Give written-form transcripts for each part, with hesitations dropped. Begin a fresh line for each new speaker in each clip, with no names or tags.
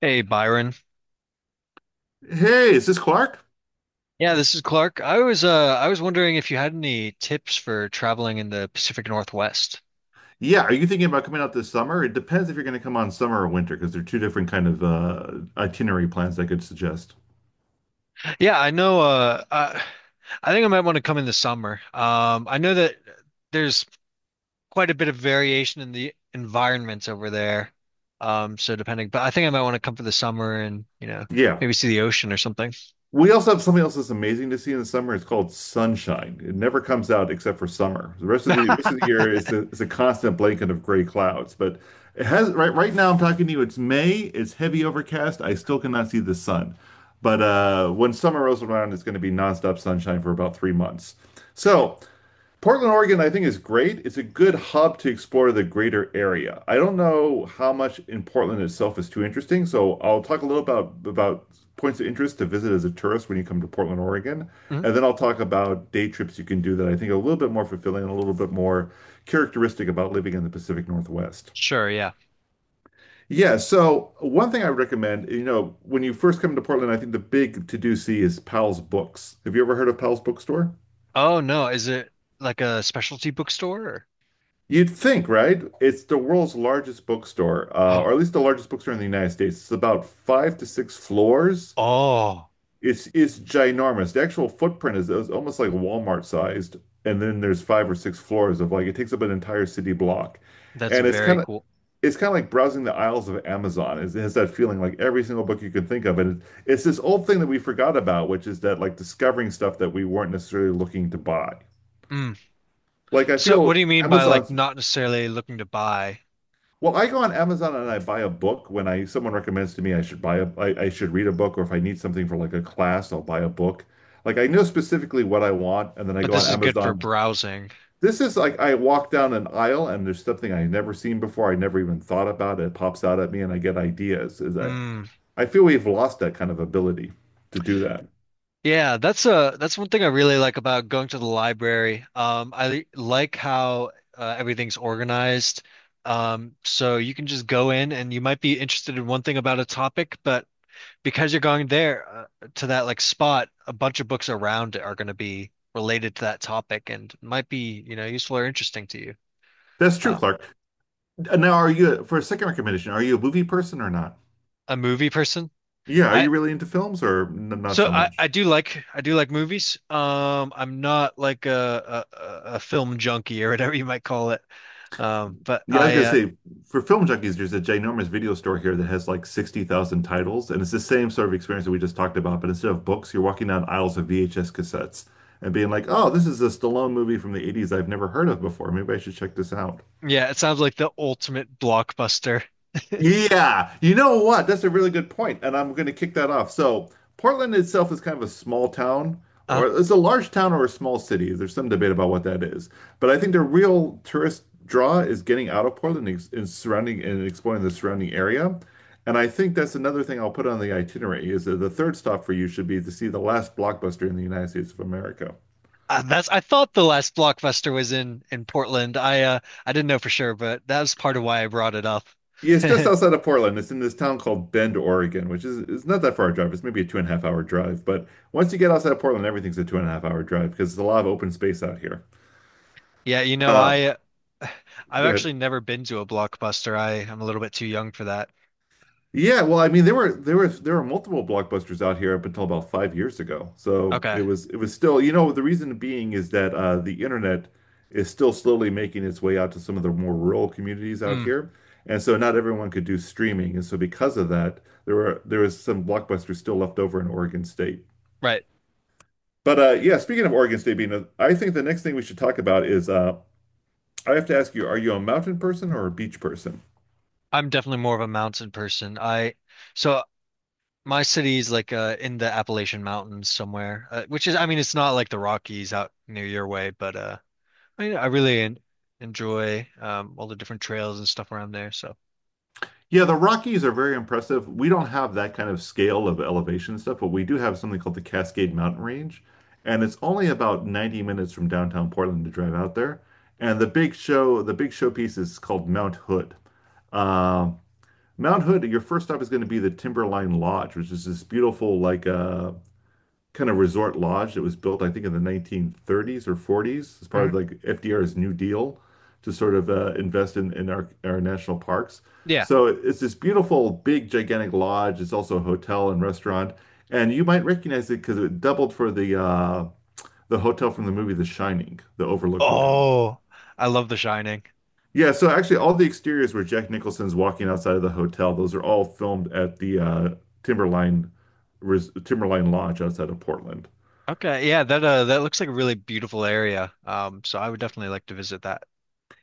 Hey Byron.
Hey, is this Clark?
Yeah, this is Clark. I was I was wondering if you had any tips for traveling in the Pacific Northwest.
Yeah, are you thinking about coming out this summer? It depends if you're going to come on summer or winter because they're two different kind of itinerary plans I could suggest.
Yeah, I know, I think I might want to come in the summer. I know that there's quite a bit of variation in the environments over there. So depending, but I think I might want to come for the summer and,
Yeah.
maybe see the ocean or something.
We also have something else that's amazing to see in the summer. It's called sunshine. It never comes out except for summer. The rest of the year is a constant blanket of gray clouds. But it has right right now I'm talking to you. It's May. It's heavy overcast. I still cannot see the sun. But when summer rolls around, it's going to be nonstop sunshine for about 3 months. So. Portland, Oregon, I think is great. It's a good hub to explore the greater area. I don't know how much in Portland itself is too interesting, so I'll talk a little about points of interest to visit as a tourist when you come to Portland, Oregon,
Mhm.
and then I'll talk about day trips you can do that I think are a little bit more fulfilling and a little bit more characteristic about living in the Pacific Northwest.
Sure, yeah.
Yeah, so one thing I recommend, when you first come to Portland, I think the big to-do see is Powell's Books. Have you ever heard of Powell's Bookstore?
Oh no, is it like a specialty bookstore
You'd think, right? It's the world's largest bookstore,
or?
or at least the largest bookstore in the United States. It's about five to six floors.
Oh,
It's ginormous. The actual footprint is almost like Walmart sized, and then there's five or six floors of like it takes up an entire city block,
that's
and it's
very
kind of
cool.
it's kind of like browsing the aisles of Amazon. It has that feeling like every single book you can think of, it's this old thing that we forgot about, which is that like discovering stuff that we weren't necessarily looking to buy.
Hmm.
Like I
So what
feel
do you mean by like
Amazon's
not necessarily looking to buy,
Well, I go on Amazon and I buy a book when I someone recommends to me I should buy a I should read a book, or if I need something for like a class, I'll buy a book. Like I know specifically what I want and then I
but
go
this
on
is good for
Amazon.
browsing?
This is like I walk down an aisle and there's something I've never seen before. I never even thought about it. It pops out at me and I get ideas.
Mm,
I feel we've lost that kind of ability to do that.
yeah, that's a that's one thing I really like about going to the library. I like how everything's organized. So you can just go in and you might be interested in one thing about a topic, but because you're going there to that like spot, a bunch of books around it are going to be related to that topic and might be, useful or interesting to you.
That's true,
Uh,
Clark. Now, are you for a second recommendation, are you a movie person or not?
a movie person?
Yeah, are
I
you really into films or n not
So
so much?
I do like movies. I'm not like a film junkie or whatever you might call it. But
Yeah, I was
I
gonna say for film junkies, there's a ginormous video store here that has like 60,000 titles, and it's the same sort of experience that we just talked about. But instead of books, you're walking down aisles of VHS cassettes and being like, "Oh, this is a Stallone movie from the 80s I've never heard of before. Maybe I should check this out."
Yeah, it sounds like the ultimate blockbuster.
Yeah, you know what? That's a really good point, and I'm going to kick that off. So, Portland itself is kind of a small town,
Uh,
or it's a large town or a small city. There's some debate about what that is. But I think the real tourist draw is getting out of Portland and, and surrounding and exploring the surrounding area. And I think that's another thing I'll put on the itinerary is that the third stop for you should be to see the last blockbuster in the United States of America.
that's, I thought the last blockbuster was in Portland. I didn't know for sure, but that was part of why I brought it up.
Yeah, it's just outside of Portland. It's in this town called Bend, Oregon, which is it's not that far a drive. It's maybe a two and a half hour drive. But once you get outside of Portland, everything's a two and a half hour drive because there's a lot of open space out here.
Yeah, you know,
Uh,
uh, I've
Go ahead.
actually never been to a blockbuster. I am a little bit too young for that.
Yeah, well, I mean, there were multiple blockbusters out here up until about 5 years ago. So it
Okay.
was it was still, you know, the reason being is that the internet is still slowly making its way out to some of the more rural communities out
Mm,
here, and so not everyone could do streaming, and so because of that, there was some blockbusters still left over in Oregon State.
right.
But yeah, speaking of Oregon State being, a, I think the next thing we should talk about is I have to ask you, are you a mountain person or a beach person?
I'm definitely more of a mountain person. I so My city's like in the Appalachian Mountains somewhere, which is, I mean, it's not like the Rockies out near your way, but I mean, I really en enjoy all the different trails and stuff around there. So
Yeah, the Rockies are very impressive. We don't have that kind of scale of elevation stuff, but we do have something called the Cascade Mountain Range, and it's only about 90 minutes from downtown Portland to drive out there. And the big show, the big showpiece is called Mount Hood. Um Mount Hood, your first stop is going to be the Timberline Lodge, which is this beautiful like kind of resort lodge that was built, I think, in the 1930s or 40s as part
mhm.
of like FDR's New Deal to sort of invest in, our national parks.
Yeah.
So it's this beautiful, big, gigantic lodge. It's also a hotel and restaurant. And you might recognize it because it doubled for the hotel from the movie The Shining, the Overlook Hotel.
Oh, I love The Shining.
Yeah, so actually, all the exteriors where Jack Nicholson's walking outside of the hotel, those are all filmed at the Timberline Timberline Lodge outside of Portland.
Okay, yeah, that that looks like a really beautiful area. So I would definitely like to visit that.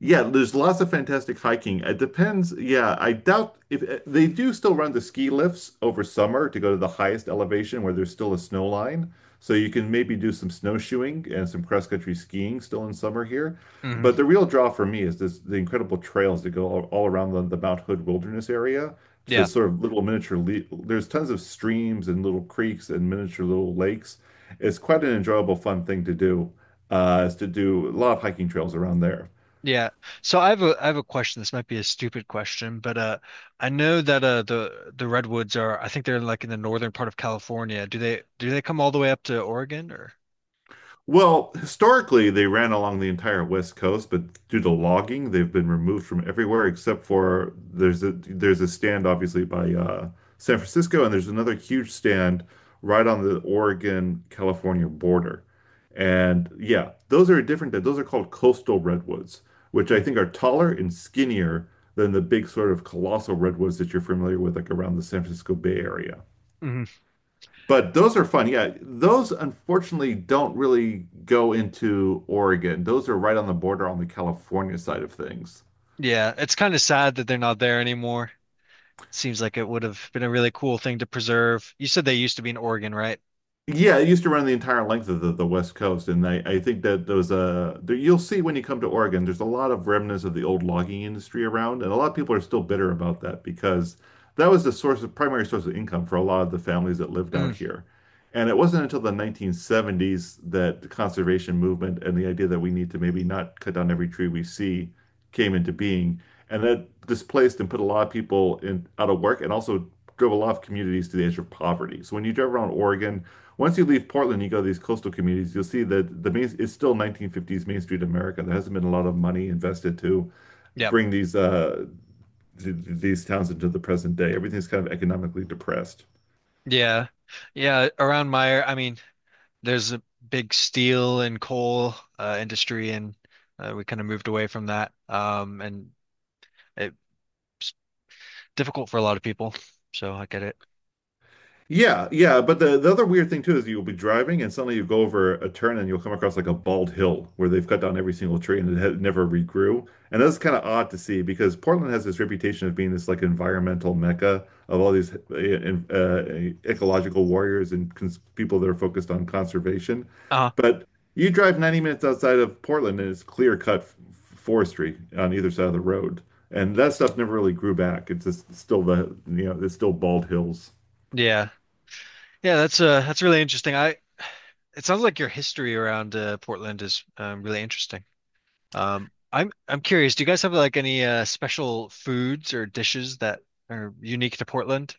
Yeah, there's lots of fantastic hiking. It depends. Yeah, I doubt if they do still run the ski lifts over summer to go to the highest elevation where there's still a snow line. So you can maybe do some snowshoeing and some cross-country skiing still in summer here.
Hmm.
But the real draw for me is this, the incredible trails that go all around the Mount Hood Wilderness area to
Yeah.
sort of little miniature le there's tons of streams and little creeks and miniature little lakes. It's quite an enjoyable, fun thing to do, is to do a lot of hiking trails around there.
Yeah. So I have a question. This might be a stupid question, but I know that the redwoods are, I think they're like in the northern part of California. Do they come all the way up to Oregon or?
Well, historically, they ran along the entire West Coast, but due to logging, they've been removed from everywhere except for there's a stand obviously by San Francisco, and there's another huge stand right on the Oregon-California border. And yeah, those are different. Those are called coastal redwoods, which I think are taller and skinnier than the big sort of colossal redwoods that you're familiar with, like around the San Francisco Bay Area.
Mm-hmm.
But those are fun. Yeah, those unfortunately don't really go into Oregon. Those are right on the border on the California side of things.
Yeah, it's kind of sad that they're not there anymore. Seems like it would have been a really cool thing to preserve. You said they used to be in Oregon, right?
Yeah, it used to run the entire length of the West Coast, and I think that those there, you'll see when you come to Oregon, there's a lot of remnants of the old logging industry around, and a lot of people are still bitter about that because that was the source of primary source of income for a lot of the families that lived out
Mm.
here. And it wasn't until the 1970s that the conservation movement and the idea that we need to maybe not cut down every tree we see came into being, and that displaced and put a lot of people in out of work and also drove a lot of communities to the edge of poverty. So when you drive around Oregon, once you leave Portland, you go to these coastal communities, you'll see that it's still 1950s Main Street America. There hasn't been a lot of money invested to
Yep.
bring th these towns into the present day. Everything's kind of economically depressed.
Yeah. Yeah, around my, I mean, there's a big steel and coal industry, and we kind of moved away from that. And it Difficult for a lot of people. So I get it.
Yeah, yeah, but the other weird thing too is you'll be driving and suddenly you go over a turn and you'll come across like a bald hill where they've cut down every single tree and it had never regrew. And that's kind of odd to see because Portland has this reputation of being this like environmental mecca of all these ecological warriors and cons people that are focused on conservation.
Uh,
But you drive 90 minutes outside of Portland and it's clear cut forestry on either side of the road. And that stuff never really grew back. It's just still the, you know, it's still bald hills.
yeah. Yeah, that's really interesting. I, it sounds like your history around Portland is really interesting. I'm curious, do you guys have like any special foods or dishes that are unique to Portland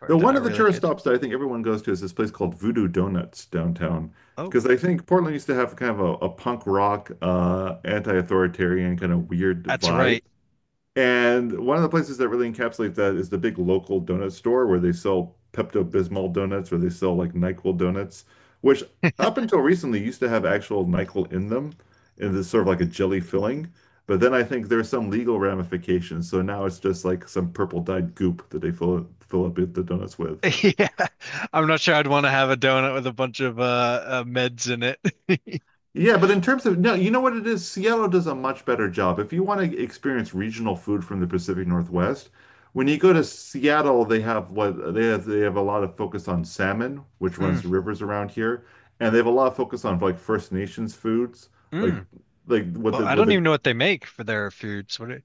or
The
that
One
are
of the
really
tourist
good?
stops that I think everyone goes to is this place called Voodoo Donuts downtown.
Oh,
Because I think Portland used to have kind of a punk rock, anti-authoritarian kind of weird
that's
vibe.
right.
And one of the places that really encapsulates that is the big local donut store where they sell Pepto-Bismol donuts, where they sell like NyQuil donuts, which up until recently used to have actual NyQuil in them, in this sort of like a jelly filling. But then I think there's some legal ramifications. So now it's just like some purple dyed goop that they fill up the donuts with.
Yeah. I'm not sure I'd want to have a donut with a bunch of meds in it.
Yeah, but in terms of no, you know what it is? Seattle does a much better job. If you want to experience regional food from the Pacific Northwest, when you go to Seattle, they have what they have a lot of focus on salmon, which
Mm,
runs the rivers around here, and they have a lot of focus on like First Nations foods, like
mm.
like
Well, I
what
don't
the
even know what they make for their foods. What it,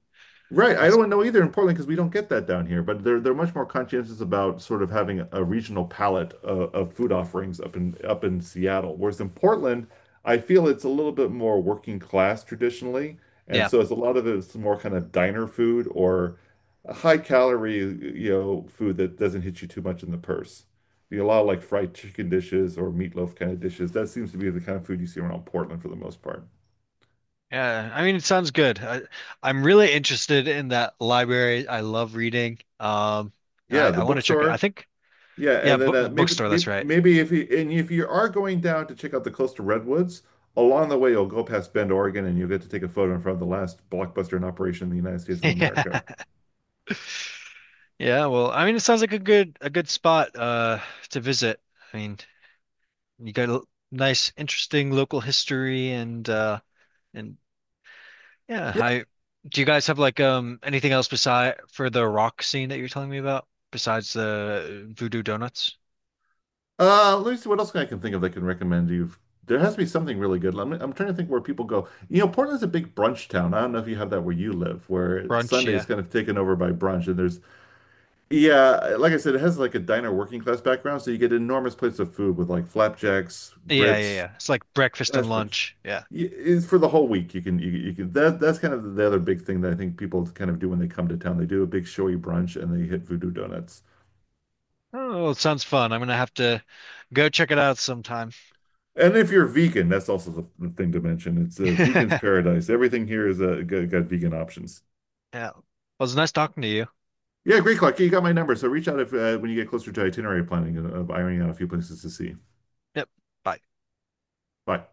Right. I
what's
don't know either in Portland because we don't get that down here, but they're much more conscientious about sort of having a regional palette of food offerings up in up in Seattle. Whereas in Portland, I feel it's a little bit more working class traditionally, and
Yeah.
so it's a lot of it's more kind of diner food or high calorie, food that doesn't hit you too much in the purse. You know, a lot of like fried chicken dishes or meatloaf kind of dishes. That seems to be the kind of food you see around Portland for the most part.
Yeah, I mean, it sounds good. I'm really interested in that library. I love reading. And
Yeah, the
I want to check it, I
bookstore.
think.
Yeah,
Yeah,
and then
bookstore, that's right.
maybe if you and if you are going down to check out the coastal redwoods, along the way you'll go past Bend, Oregon, and you'll get to take a photo in front of the last blockbuster in operation in the United States of America.
Yeah. Yeah, well, I mean, it sounds like a good spot to visit. I mean, you got a nice, interesting local history, and and yeah.
Yeah.
I Do you guys have like anything else beside for the rock scene that you're telling me about besides the Voodoo Donuts?
Let me see what else I can think of that I can recommend you. There has to be something really good. I'm trying to think where people go. You know, Portland's a big brunch town. I don't know if you have that where you live, where
Brunch,
Sunday's
yeah.
kind of taken over by brunch. And there's, yeah, like I said, it has like a diner working class background, so you get enormous plates of food with like flapjacks,
Yeah, yeah,
grits,
yeah. It's like breakfast and
hash
lunch. Yeah.
It's for the whole week. You can that's kind of the other big thing that I think people kind of do when they come to town. They do a big showy brunch and they hit Voodoo Donuts.
Oh, it sounds fun. I'm gonna have to go check it out sometime.
And if you're vegan, that's also the thing to mention. It's a vegan's paradise. Everything here is got vegan options.
Yeah. Well, it's nice talking to you.
Yeah, great, Clark. You got my number, so reach out if when you get closer to itinerary planning of ironing out a few places to see.
Yep. Bye.
Bye.